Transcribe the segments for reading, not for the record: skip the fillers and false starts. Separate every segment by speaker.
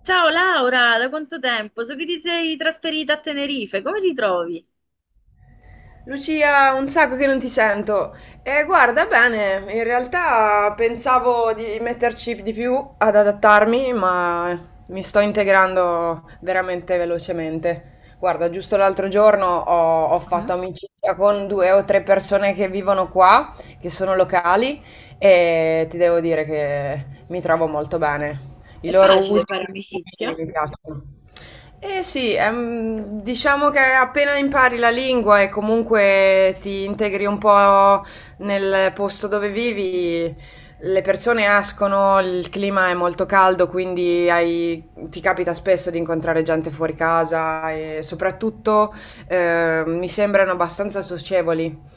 Speaker 1: Ciao Laura, da quanto tempo? So che ti sei trasferita a Tenerife, come ti trovi?
Speaker 2: Lucia, un sacco che non ti sento. E guarda bene, in realtà pensavo di metterci di più ad adattarmi, ma mi sto integrando veramente velocemente. Guarda, giusto l'altro giorno ho fatto
Speaker 1: Mhm.
Speaker 2: amicizia con 2 o 3 persone che vivono qua, che sono locali, e ti devo dire che mi trovo molto bene. I
Speaker 1: È
Speaker 2: loro
Speaker 1: facile
Speaker 2: usi e
Speaker 1: fare
Speaker 2: costumi
Speaker 1: amicizia?
Speaker 2: mi piacciono. Eh sì, diciamo che appena impari la lingua e comunque ti integri un po' nel posto dove vivi, le persone escono, il clima è molto caldo, quindi ti capita spesso di incontrare gente fuori casa e soprattutto mi sembrano abbastanza socievoli.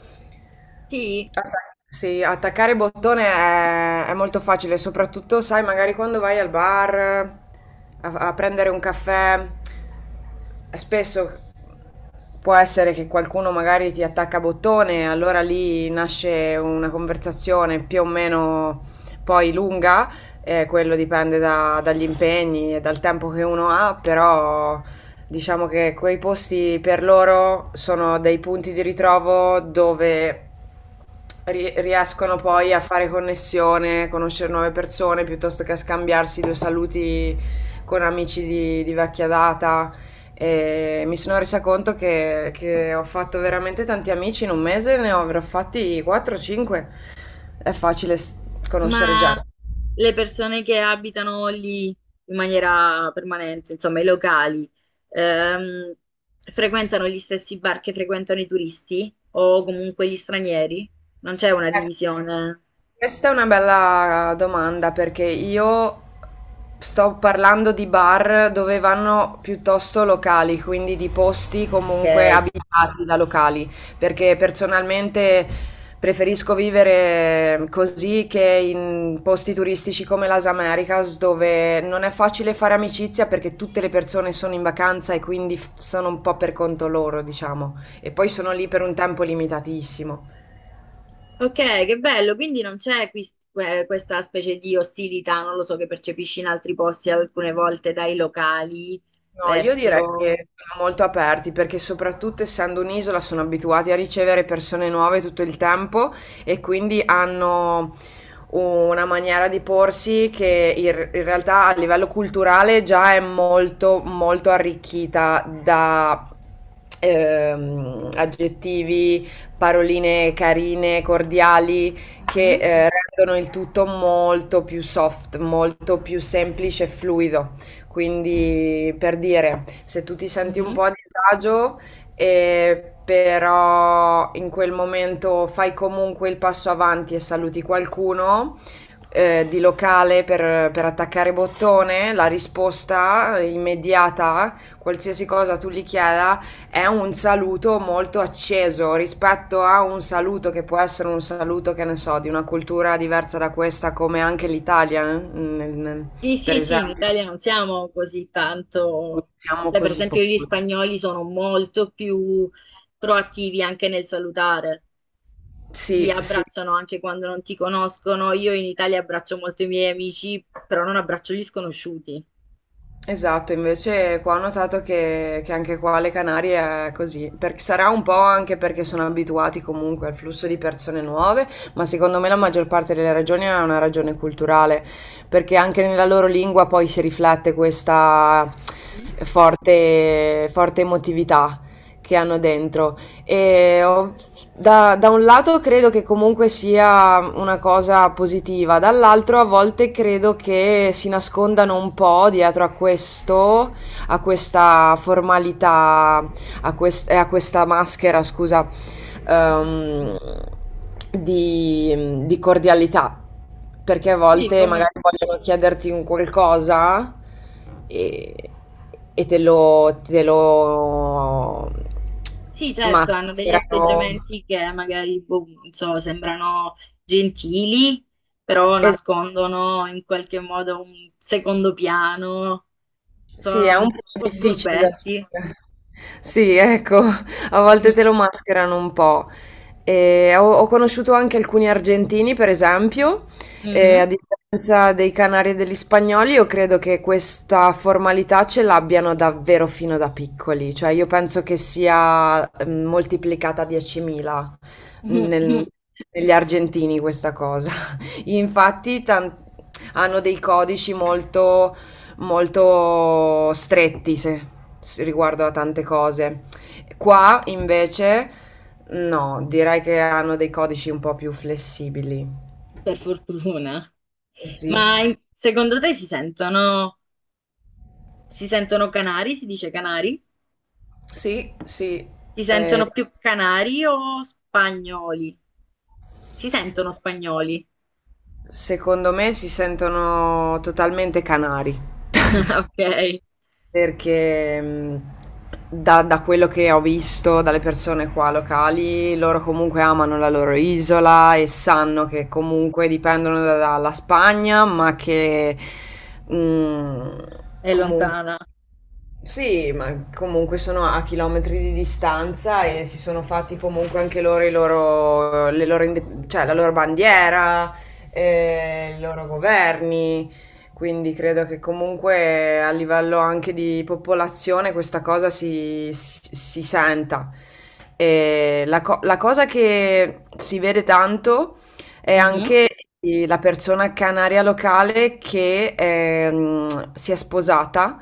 Speaker 1: Sì.
Speaker 2: Sì, attaccare bottone è molto facile, soprattutto, sai, magari quando vai al bar a prendere un caffè, spesso può essere che qualcuno magari ti attacca bottone, allora lì nasce una conversazione più o meno poi lunga, quello dipende dagli impegni e dal tempo che uno ha, però diciamo che quei posti per loro sono dei punti di ritrovo dove riescono
Speaker 1: Mhm.
Speaker 2: poi a fare connessione, conoscere nuove persone, piuttosto che a scambiarsi due saluti con amici di vecchia data. E mi sono resa conto che ho fatto veramente tanti amici in 1 mese, ne avrò fatti 4-5. È facile s- Conoscere
Speaker 1: Ma
Speaker 2: gente.
Speaker 1: le persone che abitano lì in maniera permanente, insomma i locali, ehm, frequentano gli stessi bar che frequentano i turisti o comunque gli stranieri? Non c'è una
Speaker 2: Ecco,
Speaker 1: divisione?
Speaker 2: questa è una bella domanda perché io sto parlando di bar dove vanno piuttosto locali, quindi di posti comunque
Speaker 1: Ok.
Speaker 2: abitati da locali, perché personalmente preferisco vivere così che in posti turistici come Las Americas dove non è facile fare amicizia perché tutte le persone sono in vacanza e quindi sono un po' per conto loro, diciamo, e poi sono lì per un tempo limitatissimo.
Speaker 1: Ok, che bello, quindi non c'è questa specie di ostilità, non lo so, che percepisci in altri posti alcune volte dai locali
Speaker 2: No, io direi
Speaker 1: verso...
Speaker 2: che sono molto aperti perché soprattutto essendo un'isola sono abituati a ricevere persone nuove tutto il tempo e quindi hanno una maniera di porsi in realtà a livello culturale già è molto molto arricchita da aggettivi, paroline carine, cordiali, che
Speaker 1: Mhm,
Speaker 2: rendono il tutto molto più soft, molto più semplice e fluido. Quindi, per dire, se tu ti senti un
Speaker 1: mhm.
Speaker 2: po' a disagio, però in quel momento fai comunque il passo avanti e saluti qualcuno. Eh, di locale per attaccare bottone, la risposta immediata, qualsiasi cosa tu gli chieda, è un saluto molto acceso rispetto a un saluto che può essere un saluto, che ne so, di una cultura diversa da questa, come anche l'Italia,
Speaker 1: Sì,
Speaker 2: per
Speaker 1: sì, sì, in
Speaker 2: esempio.
Speaker 1: Italia non siamo così
Speaker 2: Non
Speaker 1: tanto...
Speaker 2: siamo
Speaker 1: Cioè, per
Speaker 2: così
Speaker 1: esempio, gli
Speaker 2: focosi.
Speaker 1: spagnoli sono molto più proattivi anche nel salutare, ti
Speaker 2: Sì, sì,
Speaker 1: abbracciano anche quando non ti conoscono. Io in Italia abbraccio molto i miei amici, però non abbraccio gli sconosciuti.
Speaker 2: esatto, invece qua ho notato che anche qua alle Canarie è così, perché sarà un po' anche perché sono abituati comunque al flusso di persone nuove, ma secondo me la maggior parte delle ragioni è una ragione culturale, perché anche nella loro lingua poi si riflette questa
Speaker 1: Mhm.
Speaker 2: forte, forte emotività che hanno dentro. E ho Da un lato credo che comunque sia una cosa positiva, dall'altro a volte credo che si nascondano un po' dietro a questo, a questa formalità, a questa maschera, scusa, ehm, di cordialità, perché a
Speaker 1: Sì,
Speaker 2: volte
Speaker 1: come...
Speaker 2: magari vogliono chiederti un qualcosa e, te lo
Speaker 1: Sì, certo, hanno degli
Speaker 2: mascherano.
Speaker 1: atteggiamenti che magari, boh, non so, sembrano gentili, però
Speaker 2: Es
Speaker 1: nascondono in qualche modo un secondo piano,
Speaker 2: Sì, è
Speaker 1: sono
Speaker 2: un
Speaker 1: un
Speaker 2: po'
Speaker 1: po'
Speaker 2: difficile da
Speaker 1: furbetti.
Speaker 2: fare. Sì, ecco, a volte te lo mascherano un po'. E ho conosciuto anche alcuni argentini, per esempio, e a
Speaker 1: Mhm.
Speaker 2: differenza dei canari e degli spagnoli, io credo che questa formalità ce l'abbiano davvero fino da piccoli, cioè io penso che sia moltiplicata a 10.000 nel- negli argentini questa cosa. Infatti, hanno dei codici molto molto stretti se riguardo a tante cose. Qua invece no, direi che hanno dei codici un po' più flessibili.
Speaker 1: Per fortuna.
Speaker 2: Sì,
Speaker 1: Ma in- secondo te si sentono canari? Si dice canari?
Speaker 2: sì, sì.
Speaker 1: Si
Speaker 2: Eh,
Speaker 1: sentono più canari o spagnoli? Si sentono spagnoli.
Speaker 2: secondo me si sentono totalmente canari.
Speaker 1: Ok,
Speaker 2: Perché, da quello che ho visto, dalle persone qua locali, loro comunque amano la loro isola e sanno che comunque dipendono da dalla Spagna, ma che, mhmm,
Speaker 1: è
Speaker 2: comun
Speaker 1: lontana.
Speaker 2: sì, ma comunque sono a chilometri di distanza e si sono fatti comunque anche loro, le loro cioè la loro bandiera, i loro governi, quindi credo che comunque a livello anche di popolazione questa cosa si senta. La cosa che si vede tanto è
Speaker 1: Mhm,
Speaker 2: anche la persona canaria locale che si è sposata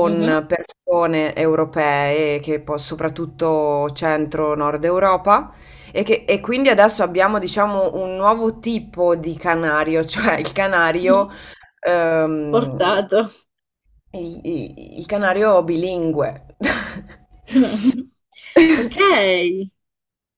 Speaker 1: mhm.
Speaker 2: persone europee, che poi soprattutto centro-nord Europa, e quindi adesso abbiamo, diciamo, un nuovo tipo di canario, cioè il canario, ehm,
Speaker 1: Portato.
Speaker 2: il canario bilingue.
Speaker 1: Ok.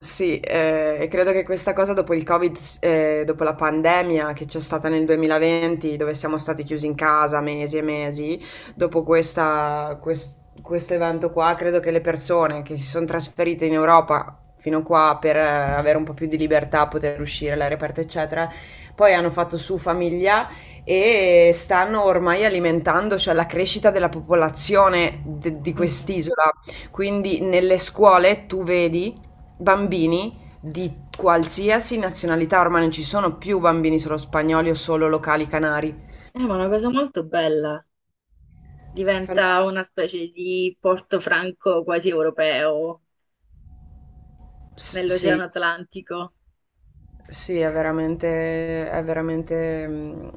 Speaker 2: Sì, e credo che questa cosa dopo il Covid, dopo la pandemia che c'è stata nel 2020, dove siamo stati chiusi in casa mesi e mesi, dopo questo evento qua, credo che le persone che si sono trasferite in Europa fino qua per avere un po' più di libertà, poter uscire all'aria aperta, eccetera, poi hanno fatto su famiglia e stanno ormai alimentando, cioè, la crescita della popolazione di
Speaker 1: Mhm.
Speaker 2: quest'isola. Quindi nelle scuole tu vedi bambini di qualsiasi nazionalità, ormai non ci sono più bambini solo spagnoli o solo locali canari.
Speaker 1: Ma è una cosa molto bella.
Speaker 2: Fantastico.
Speaker 1: Diventa una specie di porto franco quasi europeo nell'Oceano
Speaker 2: Sì,
Speaker 1: Atlantico.
Speaker 2: sì, è veramente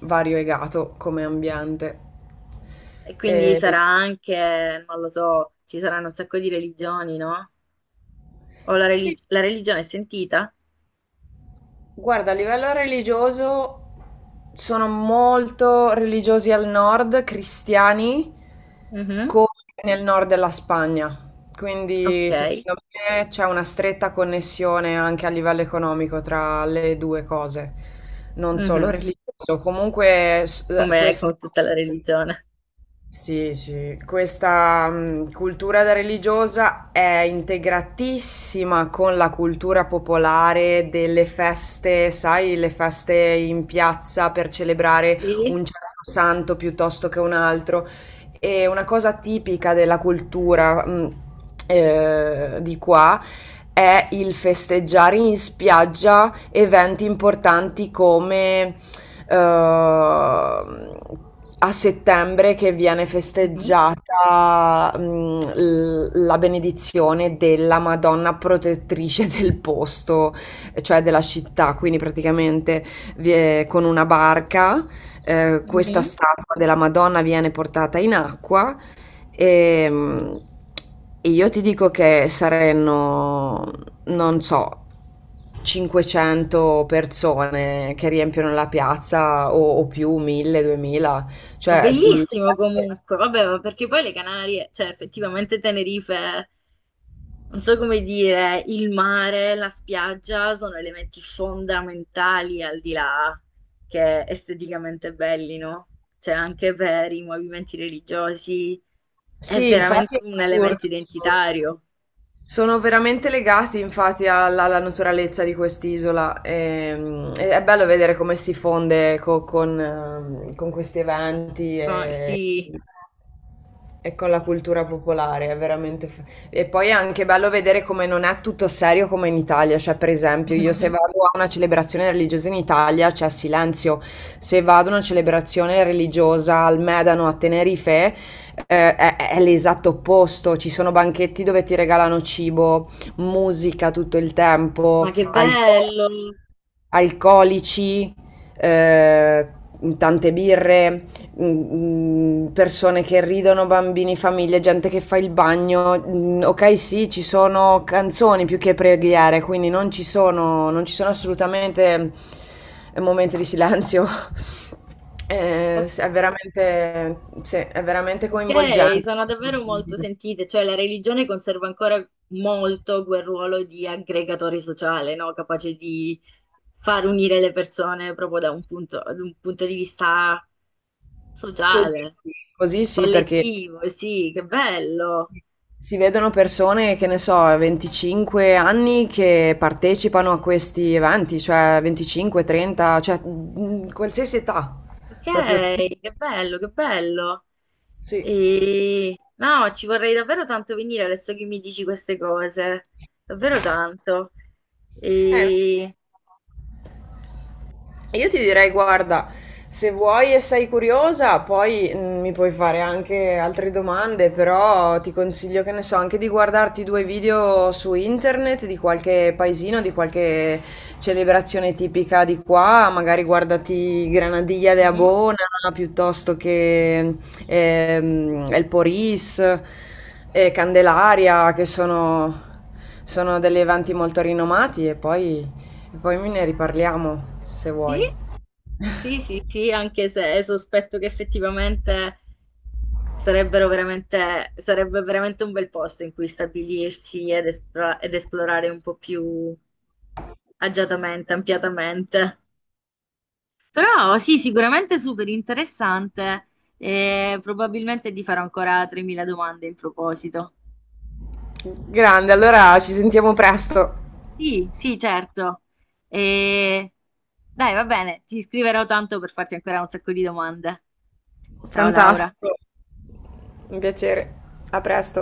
Speaker 2: variegato come ambiente.
Speaker 1: E quindi
Speaker 2: E-
Speaker 1: sarà anche, non lo so, ci saranno un sacco di religioni, no? O la,
Speaker 2: Sì,
Speaker 1: la religione è sentita?
Speaker 2: guarda, a livello religioso sono molto religiosi al nord, cristiani,
Speaker 1: Mhm.
Speaker 2: come nel nord della Spagna. Quindi
Speaker 1: Ok.
Speaker 2: secondo me c'è una stretta connessione anche a livello economico tra le due cose, non solo
Speaker 1: Mhm.
Speaker 2: religioso. Comunque s-
Speaker 1: Come
Speaker 2: questo
Speaker 1: con tutta la religione.
Speaker 2: sì, sì, questa cultura da religiosa è integratissima con la cultura popolare delle feste, sai, le feste in piazza per celebrare
Speaker 1: Sì.
Speaker 2: un certo santo piuttosto che un altro. E una cosa tipica della cultura di qua è il festeggiare in spiaggia eventi importanti come ehm, a settembre che viene
Speaker 1: Mhm.
Speaker 2: festeggiata la benedizione della Madonna protettrice del posto, cioè della città, quindi praticamente con una barca questa
Speaker 1: Mhm.
Speaker 2: statua della Madonna viene portata in acqua. Ehm, E io ti dico che saranno, non so, 500 persone che riempiono la piazza o più, 1000, 2000. Cioè, le
Speaker 1: Bellissimo
Speaker 2: piazze-
Speaker 1: comunque, vabbè, ma perché poi le Canarie, cioè effettivamente Tenerife, non so come dire, il mare, la spiaggia sono elementi fondamentali al di là che esteticamente belli, no? Cioè anche per i movimenti religiosi è
Speaker 2: sì, infatti
Speaker 1: veramente
Speaker 2: è
Speaker 1: un
Speaker 2: assurdo.
Speaker 1: elemento identitario.
Speaker 2: Sono veramente legati infatti alla naturalezza di quest'isola e è bello vedere come si fonde con questi eventi
Speaker 1: Co- Sì,
Speaker 2: e con la cultura popolare, e poi è anche bello vedere come non è tutto serio come in Italia, cioè per esempio io se vado a una celebrazione religiosa in Italia c'è silenzio, se vado a una celebrazione religiosa al Medano a Tenerife è l'esatto opposto. Ci sono banchetti dove ti regalano cibo, musica tutto il
Speaker 1: ma
Speaker 2: tempo,
Speaker 1: che bello!
Speaker 2: alcolici, eh, tante birre, persone che ridono, bambini, famiglie, gente che fa il bagno. Ok, sì, ci sono canzoni più che preghiere, quindi non ci sono assolutamente momenti di silenzio.
Speaker 1: Ho
Speaker 2: Sì, sì, è veramente
Speaker 1: Ok,
Speaker 2: coinvolgente.
Speaker 1: sono davvero molto sentite, cioè la religione conserva ancora molto quel ruolo di aggregatore sociale, no? Capace di far unire le persone proprio da un punto di vista
Speaker 2: Così,
Speaker 1: sociale,
Speaker 2: sì, Così sì, perché
Speaker 1: collettivo, sì, che bello.
Speaker 2: si vedono persone, che ne so, 25 anni che partecipano a questi eventi, cioè 25, 30, cioè qualsiasi età, proprio tu.
Speaker 1: Ok, che bello, che bello.
Speaker 2: Sì.
Speaker 1: E... No, ci vorrei davvero tanto venire adesso che mi dici queste cose, davvero tanto.
Speaker 2: Eh.
Speaker 1: E...
Speaker 2: Io ti direi, guarda, se vuoi e sei curiosa, poi mi puoi fare anche altre domande, però ti consiglio, che ne so, anche di guardarti due video su internet di qualche paesino, di qualche celebrazione tipica di qua, magari guardati Granadilla de
Speaker 1: Mhm.
Speaker 2: Abona piuttosto che El Poris, Candelaria, sono degli eventi molto rinomati e poi ne riparliamo se
Speaker 1: Sì?
Speaker 2: vuoi.
Speaker 1: Sì, sì, sì, anche se sospetto che effettivamente sarebbero veramente, sarebbe veramente un bel posto in cui stabilirsi ed, ed esplorare un po' più agiatamente, ampiatamente. Però sì, sicuramente super interessante e probabilmente ti farò ancora 3.000 domande in proposito.
Speaker 2: Grande, allora ci sentiamo presto.
Speaker 1: Sì, sì, certo. E... Dai, va bene, ti scriverò tanto per farti ancora un sacco di domande. Ciao Laura.
Speaker 2: Fantastico, un piacere. A presto.